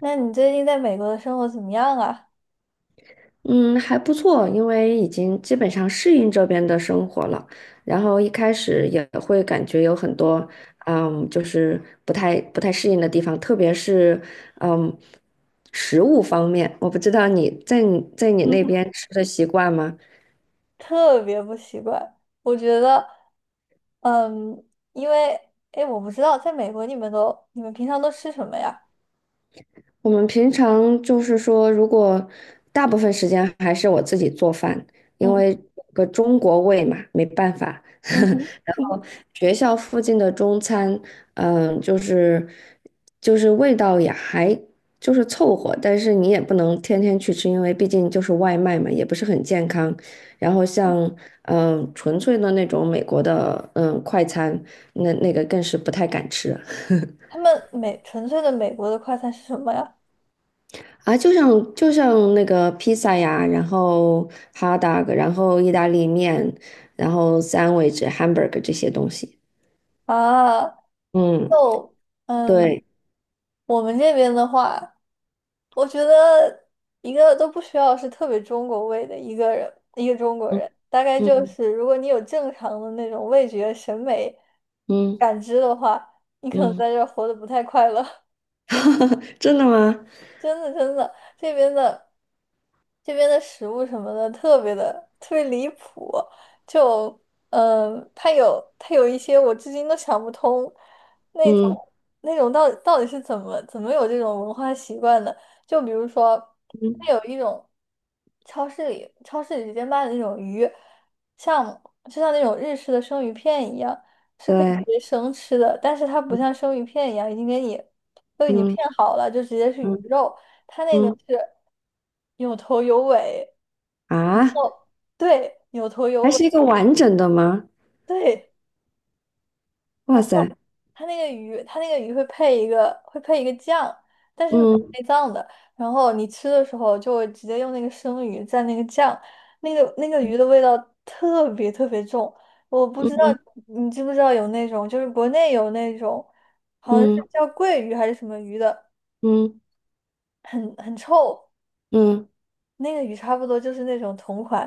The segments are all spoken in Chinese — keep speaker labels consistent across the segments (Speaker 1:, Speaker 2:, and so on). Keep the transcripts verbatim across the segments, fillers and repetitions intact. Speaker 1: 那你最近在美国的生活怎么样啊？
Speaker 2: 嗯，还不错，因为已经基本上适应这边的生活了。然后一开始也会感觉有很多，嗯，就是不太不太适应的地方，特别是嗯，食物方面，我不知道你在你在你
Speaker 1: 嗯
Speaker 2: 那
Speaker 1: 哼，
Speaker 2: 边吃的习惯吗？
Speaker 1: 特别不习惯，我觉得，嗯，因为，哎，我不知道，在美国你们都，你们平常都吃什么呀？
Speaker 2: 我们平常就是说，如果大部分时间还是我自己做饭，因
Speaker 1: 嗯。
Speaker 2: 为有个中国胃嘛，没办法。
Speaker 1: 嗯哼。
Speaker 2: 然
Speaker 1: 嗯
Speaker 2: 后学校附近的中餐，嗯，就是就是味道也还就是凑合，但是你也不能天天去吃，因为毕竟就是外卖嘛，也不是很健康。然后像嗯纯粹的那种美国的嗯快餐，那那个更是不太敢吃。
Speaker 1: 他们美纯粹的美国的快餐是什么呀？
Speaker 2: 啊，就像就像那个披萨呀，然后哈达 t 然后意大利面，然后 sandwich、hamburger 这些东西。
Speaker 1: 啊，
Speaker 2: 嗯，
Speaker 1: 就，嗯，
Speaker 2: 对，
Speaker 1: 我们这边的话。我觉得一个都不需要是特别中国味的一个人，一个中国
Speaker 2: 嗯
Speaker 1: 人，大概就
Speaker 2: 嗯
Speaker 1: 是如果你有正常的那种味觉审美
Speaker 2: 嗯
Speaker 1: 感知的话，你可能
Speaker 2: 嗯，
Speaker 1: 在这儿活得不太快乐。
Speaker 2: 真的吗？
Speaker 1: 真的真的，这边的这边的食物什么的特别的特别离谱，就嗯，呃它有它有一些我至今都想不通，那种
Speaker 2: 嗯
Speaker 1: 那种到底到底是怎么怎么有这种文化习惯的？就比如说，它
Speaker 2: 嗯，
Speaker 1: 有一种超市里超市里直接卖的那种鱼，像就像那种日式的生鱼片一样，是可以直
Speaker 2: 对，
Speaker 1: 接生吃的，但是它不像生鱼片一样已经给你。都已经
Speaker 2: 嗯
Speaker 1: 片好了，就直接是鱼
Speaker 2: 嗯
Speaker 1: 肉。它那个
Speaker 2: 嗯，
Speaker 1: 是有头有尾，然
Speaker 2: 啊，
Speaker 1: 后对，有头有
Speaker 2: 还
Speaker 1: 尾，
Speaker 2: 是一个完整的吗？
Speaker 1: 对。
Speaker 2: 哇
Speaker 1: 然后
Speaker 2: 塞，
Speaker 1: 它那个鱼，它那个鱼会配一个会配一个酱，但是没
Speaker 2: 嗯
Speaker 1: 内脏的。然后你吃的时候就会直接用那个生鱼蘸那个酱，那个那个
Speaker 2: 嗯
Speaker 1: 鱼的味道特别特别重。我不知道你知不知道有那种，就是国内有那种，好像是
Speaker 2: 嗯嗯
Speaker 1: 叫桂鱼还是什么鱼的，
Speaker 2: 嗯
Speaker 1: 很很臭。
Speaker 2: 嗯，
Speaker 1: 那个鱼差不多就是那种同款，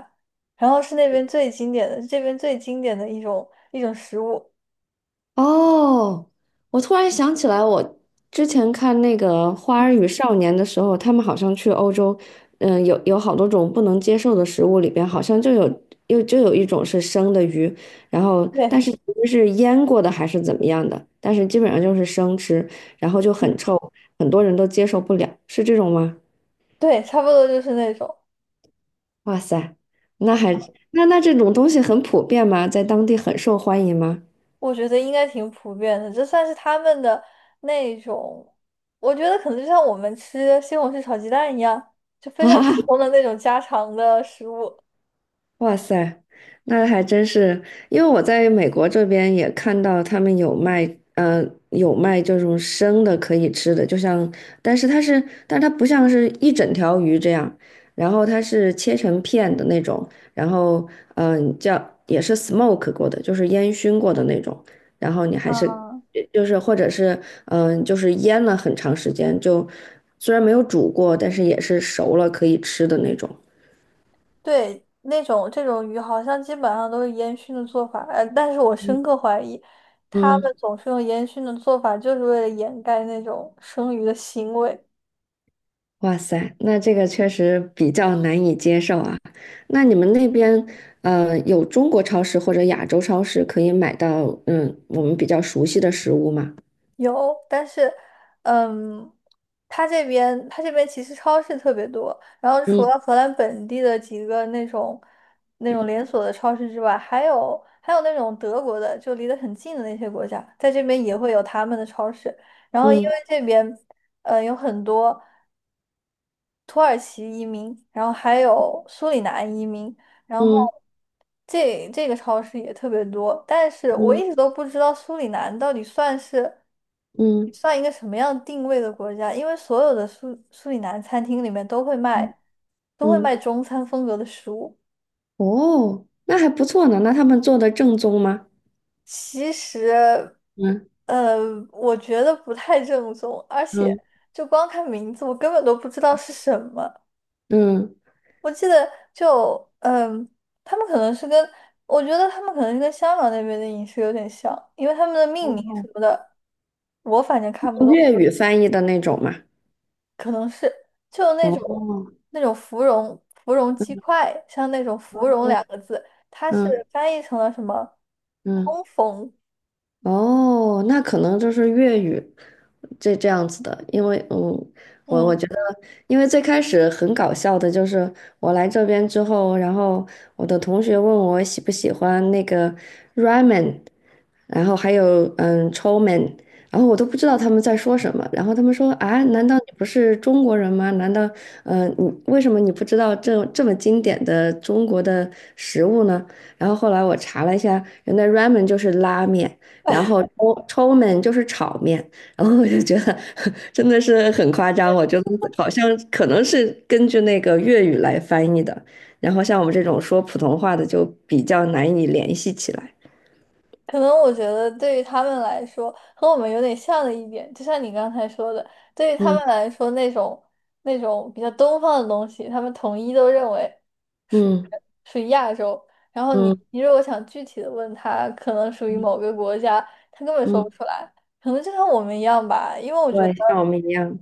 Speaker 1: 然后是那边最经典的，这边最经典的一种一种食物。
Speaker 2: 哦，我突然想起来，我之前看那个《花儿与少年》的时候，他们好像去欧洲，嗯，有有好多种不能接受的食物，里边好像就有又就有一种是生的鱼，然后但
Speaker 1: 对。
Speaker 2: 是其实是腌过的还是怎么样的，但是基本上就是生吃，然后就很
Speaker 1: 嗯。
Speaker 2: 臭，很多人都接受不了，是这种吗？
Speaker 1: 对，差不多就是那种，
Speaker 2: 哇塞，那还那那这种东西很普遍吗？在当地很受欢迎吗？
Speaker 1: 我觉得应该挺普遍的，这算是他们的那种，我觉得可能就像我们吃西红柿炒鸡蛋一样，就 非常
Speaker 2: 哈
Speaker 1: 普
Speaker 2: 哈。
Speaker 1: 通的那种家常的食物。
Speaker 2: 哇塞，那还真是，因为我在美国这边也看到他们有卖，呃，有卖这种生的可以吃的，就像，但是它是，但它不像是一整条鱼这样，然后它是切成片的那种，然后，嗯、叫也是 smoke 过的，就是烟熏过的那种，然后你还是，
Speaker 1: 嗯。
Speaker 2: 就是或者是，嗯、就是腌了很长时间，就虽然没有煮过，但是也是熟了可以吃的那种，
Speaker 1: 对，那种这种鱼好像基本上都是烟熏的做法，呃，但是我深刻怀疑，他们
Speaker 2: 嗯。
Speaker 1: 总是用烟熏的做法，就是为了掩盖那种生鱼的腥味。
Speaker 2: 哇塞，那这个确实比较难以接受啊。那你们那边，呃，有中国超市或者亚洲超市可以买到，嗯，我们比较熟悉的食物吗？
Speaker 1: 有，但是，嗯，他这边他这边其实超市特别多，然后除了
Speaker 2: 嗯
Speaker 1: 荷兰本地的几个那种那种连锁的超市之外，还有还有那种德国的，就离得很近的那些国家，在这边也会有他们的超市。然后因为
Speaker 2: 嗯
Speaker 1: 这边，呃，有很多。土耳其移民，然后还有苏里南移民，然后
Speaker 2: 嗯
Speaker 1: 这这个超市也特别多，但是我
Speaker 2: 嗯
Speaker 1: 一直都不知道苏里南到底算是
Speaker 2: 嗯
Speaker 1: 算一个什么样定位的国家，因为所有的苏苏里南餐厅里面都会
Speaker 2: 嗯
Speaker 1: 卖都会
Speaker 2: 嗯
Speaker 1: 卖中餐风格的食物，
Speaker 2: 哦，那还不错呢。那他们做的正宗吗？
Speaker 1: 其实
Speaker 2: 嗯
Speaker 1: 呃，我觉得不太正宗，而且
Speaker 2: 嗯，
Speaker 1: 就光看名字，我根本都不知道是什么。
Speaker 2: 嗯
Speaker 1: 我记得就嗯，他们可能是跟我觉得他们可能是跟香港那边的饮食有点像，因为他们的命名
Speaker 2: 嗯
Speaker 1: 什么的，我反正看不
Speaker 2: 哦
Speaker 1: 懂，
Speaker 2: 粤语翻译的那种吗？
Speaker 1: 可能是就
Speaker 2: 哦
Speaker 1: 那种
Speaker 2: 哦
Speaker 1: 那种芙蓉芙蓉鸡块，像那种芙蓉两个字，它是
Speaker 2: 嗯
Speaker 1: 翻译成了什么
Speaker 2: 嗯。
Speaker 1: 烘缝，
Speaker 2: 哦，那可能就是粤语这这样子的，因为嗯，我
Speaker 1: 嗯
Speaker 2: 我觉得，因为最开始很搞笑的就是我来这边之后，然后我的同学问我喜不喜欢那个 ramen，然后还有嗯 c h o m e n 然后我都不知道他们在说什么，然后他们说啊，难道你不是中国人吗？难道嗯、呃你为什么你不知道这这么经典的中国的食物呢？然后后来我查了一下，原来 ramen 就是拉面。然后抽抽们就是炒面，然后我就觉得 真的是很夸张，我觉得好像可能是根据那个粤语来翻译的，然后像我们这种说普通话的就比较难以联系起来。
Speaker 1: 可能我觉得对于他们来说，和我们有点像的一点，就像你刚才说的，对于他
Speaker 2: 嗯
Speaker 1: 们来说，那种那种比较东方的东西，他们统一都认为属于
Speaker 2: 嗯
Speaker 1: 属于亚洲。然后你
Speaker 2: 嗯
Speaker 1: 你如果想具体的问他，可能属于某个国家，他根本说不
Speaker 2: 嗯，
Speaker 1: 出来。可能就像我们一样吧，因为我觉
Speaker 2: 对，
Speaker 1: 得，
Speaker 2: 像我们一样。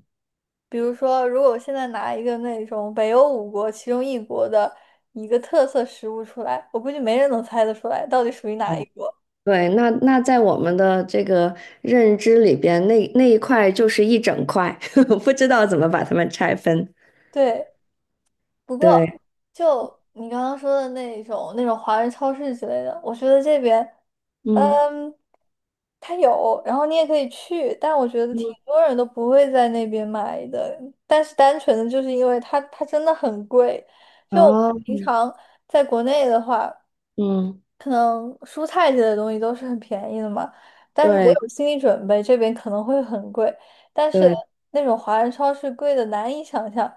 Speaker 1: 比如说，如果我现在拿一个那种北欧五国其中一国的一个特色食物出来，我估计没人能猜得出来到底属于哪一
Speaker 2: 哦，
Speaker 1: 国。
Speaker 2: 对，那那在我们的这个认知里边，那那一块就是一整块，不知道怎么把它们拆分。
Speaker 1: 对。不过，
Speaker 2: 对，
Speaker 1: 就你刚刚说的那种那种华人超市之类的，我觉得这边，
Speaker 2: 嗯
Speaker 1: 嗯，它有，然后你也可以去，但我觉得挺
Speaker 2: 嗯，
Speaker 1: 多人都不会在那边买的。但是单纯的就是因为它它真的很贵，就
Speaker 2: 哦，
Speaker 1: 平常在国内的话。
Speaker 2: 嗯，
Speaker 1: 可能蔬菜类的东西都是很便宜的嘛，但是我
Speaker 2: 对
Speaker 1: 有心理准备，这边可能会很贵，但是
Speaker 2: 对，
Speaker 1: 那种华人超市贵的难以想象，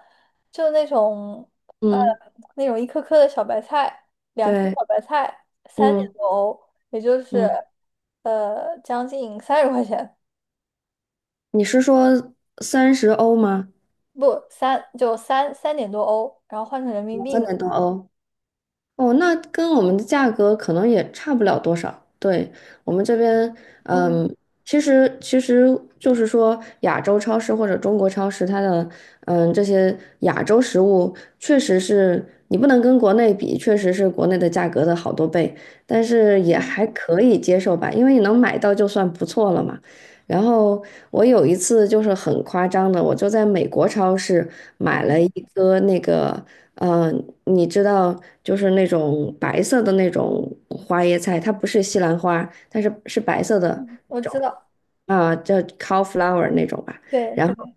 Speaker 1: 就那种呃
Speaker 2: 嗯。
Speaker 1: 那种一颗颗的小白菜，两颗
Speaker 2: 对，
Speaker 1: 小白菜三点
Speaker 2: 嗯
Speaker 1: 多欧，也就是
Speaker 2: 嗯，
Speaker 1: 呃将近三十块钱，
Speaker 2: 你是说三十欧吗？
Speaker 1: 不三就三三点多欧，然后换成人民币
Speaker 2: 三
Speaker 1: 嘛，
Speaker 2: 点多欧。哦，那跟我们的价格可能也差不了多少。对，我们这边，
Speaker 1: 嗯
Speaker 2: 嗯，其实其实就是说，亚洲超市或者中国超市，它的，嗯，这些亚洲食物确实是你不能跟国内比，确实是国内的价格的好多倍，但是也
Speaker 1: 嗯
Speaker 2: 还可以接受吧，因为你能买到就算不错了嘛。然后我有一次就是很夸张的，我就在美国超市买了
Speaker 1: 嗯
Speaker 2: 一个那个。呃，你知道，就是那种白色的那种花椰菜，它不是西兰花，但是是白色的
Speaker 1: 嗯，
Speaker 2: 那
Speaker 1: 我知
Speaker 2: 种
Speaker 1: 道，
Speaker 2: 啊，叫 cauliflower 那种吧。
Speaker 1: 对
Speaker 2: 然后
Speaker 1: 对，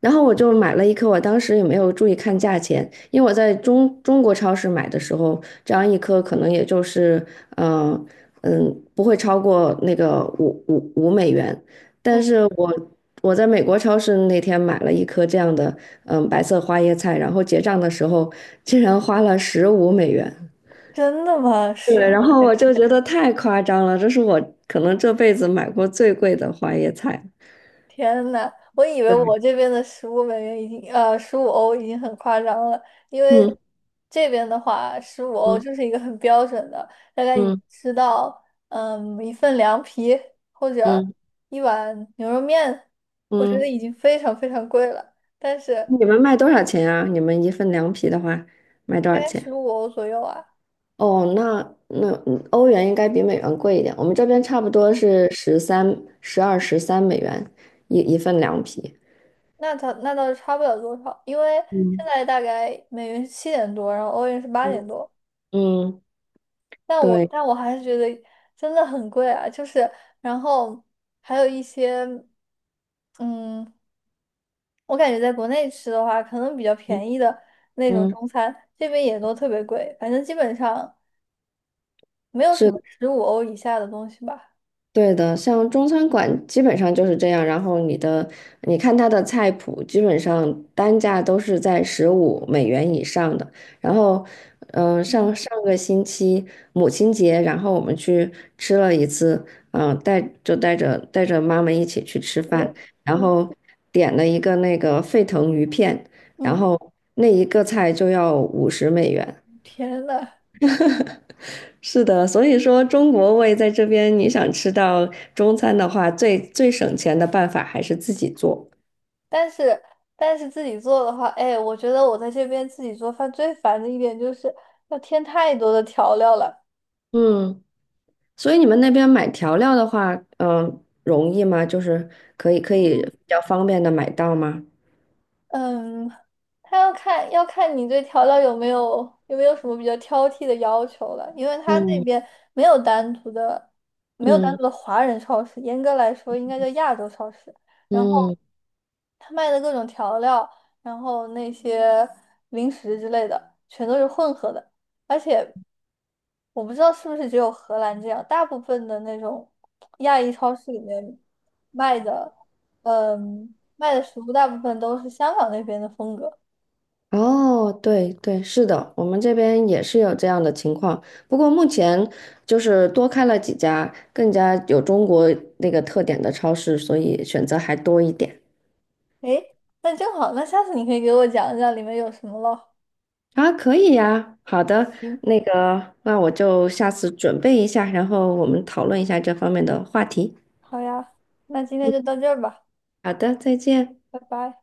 Speaker 2: 然后我就买了一颗，我当时也没有注意看价钱，因为我在中中国超市买的时候，这样一颗可能也就是，嗯、嗯，不会超过那个五五五美元。
Speaker 1: 嗯，
Speaker 2: 但是我我在美国超市那天买了一颗这样的，嗯，白色花椰菜，然后结账的时候竟然花了十五美元。
Speaker 1: 真的吗？十
Speaker 2: 对，然
Speaker 1: 五。
Speaker 2: 后我就觉得太夸张了，这是我可能这辈子买过最贵的花椰菜。
Speaker 1: 天呐，我以为我这边的十五美元已经呃十五欧已经很夸张了，因
Speaker 2: 嗯
Speaker 1: 为这边的话十五欧
Speaker 2: 嗯
Speaker 1: 就是一个很标准的，大概你
Speaker 2: 嗯
Speaker 1: 吃到嗯一份凉皮或者
Speaker 2: 嗯
Speaker 1: 一碗牛肉面，我觉得
Speaker 2: 嗯。
Speaker 1: 已经非常非常贵了，但是
Speaker 2: 你们卖多少钱啊？你们一份凉皮的话，卖多
Speaker 1: 大
Speaker 2: 少
Speaker 1: 概
Speaker 2: 钱？
Speaker 1: 十五欧左右啊，
Speaker 2: 哦，那那嗯欧元应该比美元贵一点，我们这边差不多是十三、十二、十三美元一一份凉皮。
Speaker 1: 那它那倒是差不了多少，因为现
Speaker 2: 嗯
Speaker 1: 在大概美元是七点多，然后欧元是八点
Speaker 2: 嗯，
Speaker 1: 多。
Speaker 2: 嗯，
Speaker 1: 但我
Speaker 2: 对，
Speaker 1: 但我还是觉得真的很贵啊，就是然后还有一些，嗯，我感觉在国内吃的话，可能比较便宜的那种
Speaker 2: 嗯，
Speaker 1: 中餐，这边也都特别贵，反正基本上没有什么
Speaker 2: 是
Speaker 1: 十五欧以下的东西吧。
Speaker 2: 对的，像中餐馆基本上就是这样，然后你的，你看它的菜谱，基本上单价都是在十五美元以上的。然后，嗯、
Speaker 1: 嗯，
Speaker 2: 上上个星期母亲节，然后我们去吃了一次，嗯、带就带着带着妈妈一起去吃
Speaker 1: 对，
Speaker 2: 饭，然
Speaker 1: 嗯
Speaker 2: 后点了一个那个沸腾鱼片，然
Speaker 1: 嗯，
Speaker 2: 后那一个菜就要五十美元。
Speaker 1: 天呐，
Speaker 2: 是的，所以说中国胃在这边，你想吃到中餐的话，最最省钱的办法还是自己做。
Speaker 1: 但是但是自己做的话，哎，我觉得我在这边自己做饭最烦的一点就是要添太多的调料了。
Speaker 2: 嗯，所以你们那边买调料的话，嗯，容易吗？就是可以可以比较方便的买到吗？
Speaker 1: 嗯，他要看要看你对调料有没有有没有什么比较挑剔的要求了，因为他那
Speaker 2: 嗯
Speaker 1: 边没有单独的没有单
Speaker 2: 嗯
Speaker 1: 独的华人超市，严格来说应该叫亚洲超市。然后，
Speaker 2: 嗯，
Speaker 1: 他卖的各种调料，然后那些零食之类的，全都是混合的。而且我不知道是不是只有荷兰这样，大部分的那种亚裔超市里面卖的，嗯，卖的食物大部分都是香港那边的风格。
Speaker 2: 哦，对对，是的，我们这边也是有这样的情况，不过目前就是多开了几家更加有中国那个特点的超市，所以选择还多一点。
Speaker 1: 诶，那正好，那下次你可以给我讲一讲里面有什么咯。
Speaker 2: 啊，可以呀，好的，
Speaker 1: 行，
Speaker 2: 那个，那我就下次准备一下，然后我们讨论一下这方面的话题。
Speaker 1: 好呀，那今天就到这儿吧，
Speaker 2: 好的，再见。
Speaker 1: 拜拜。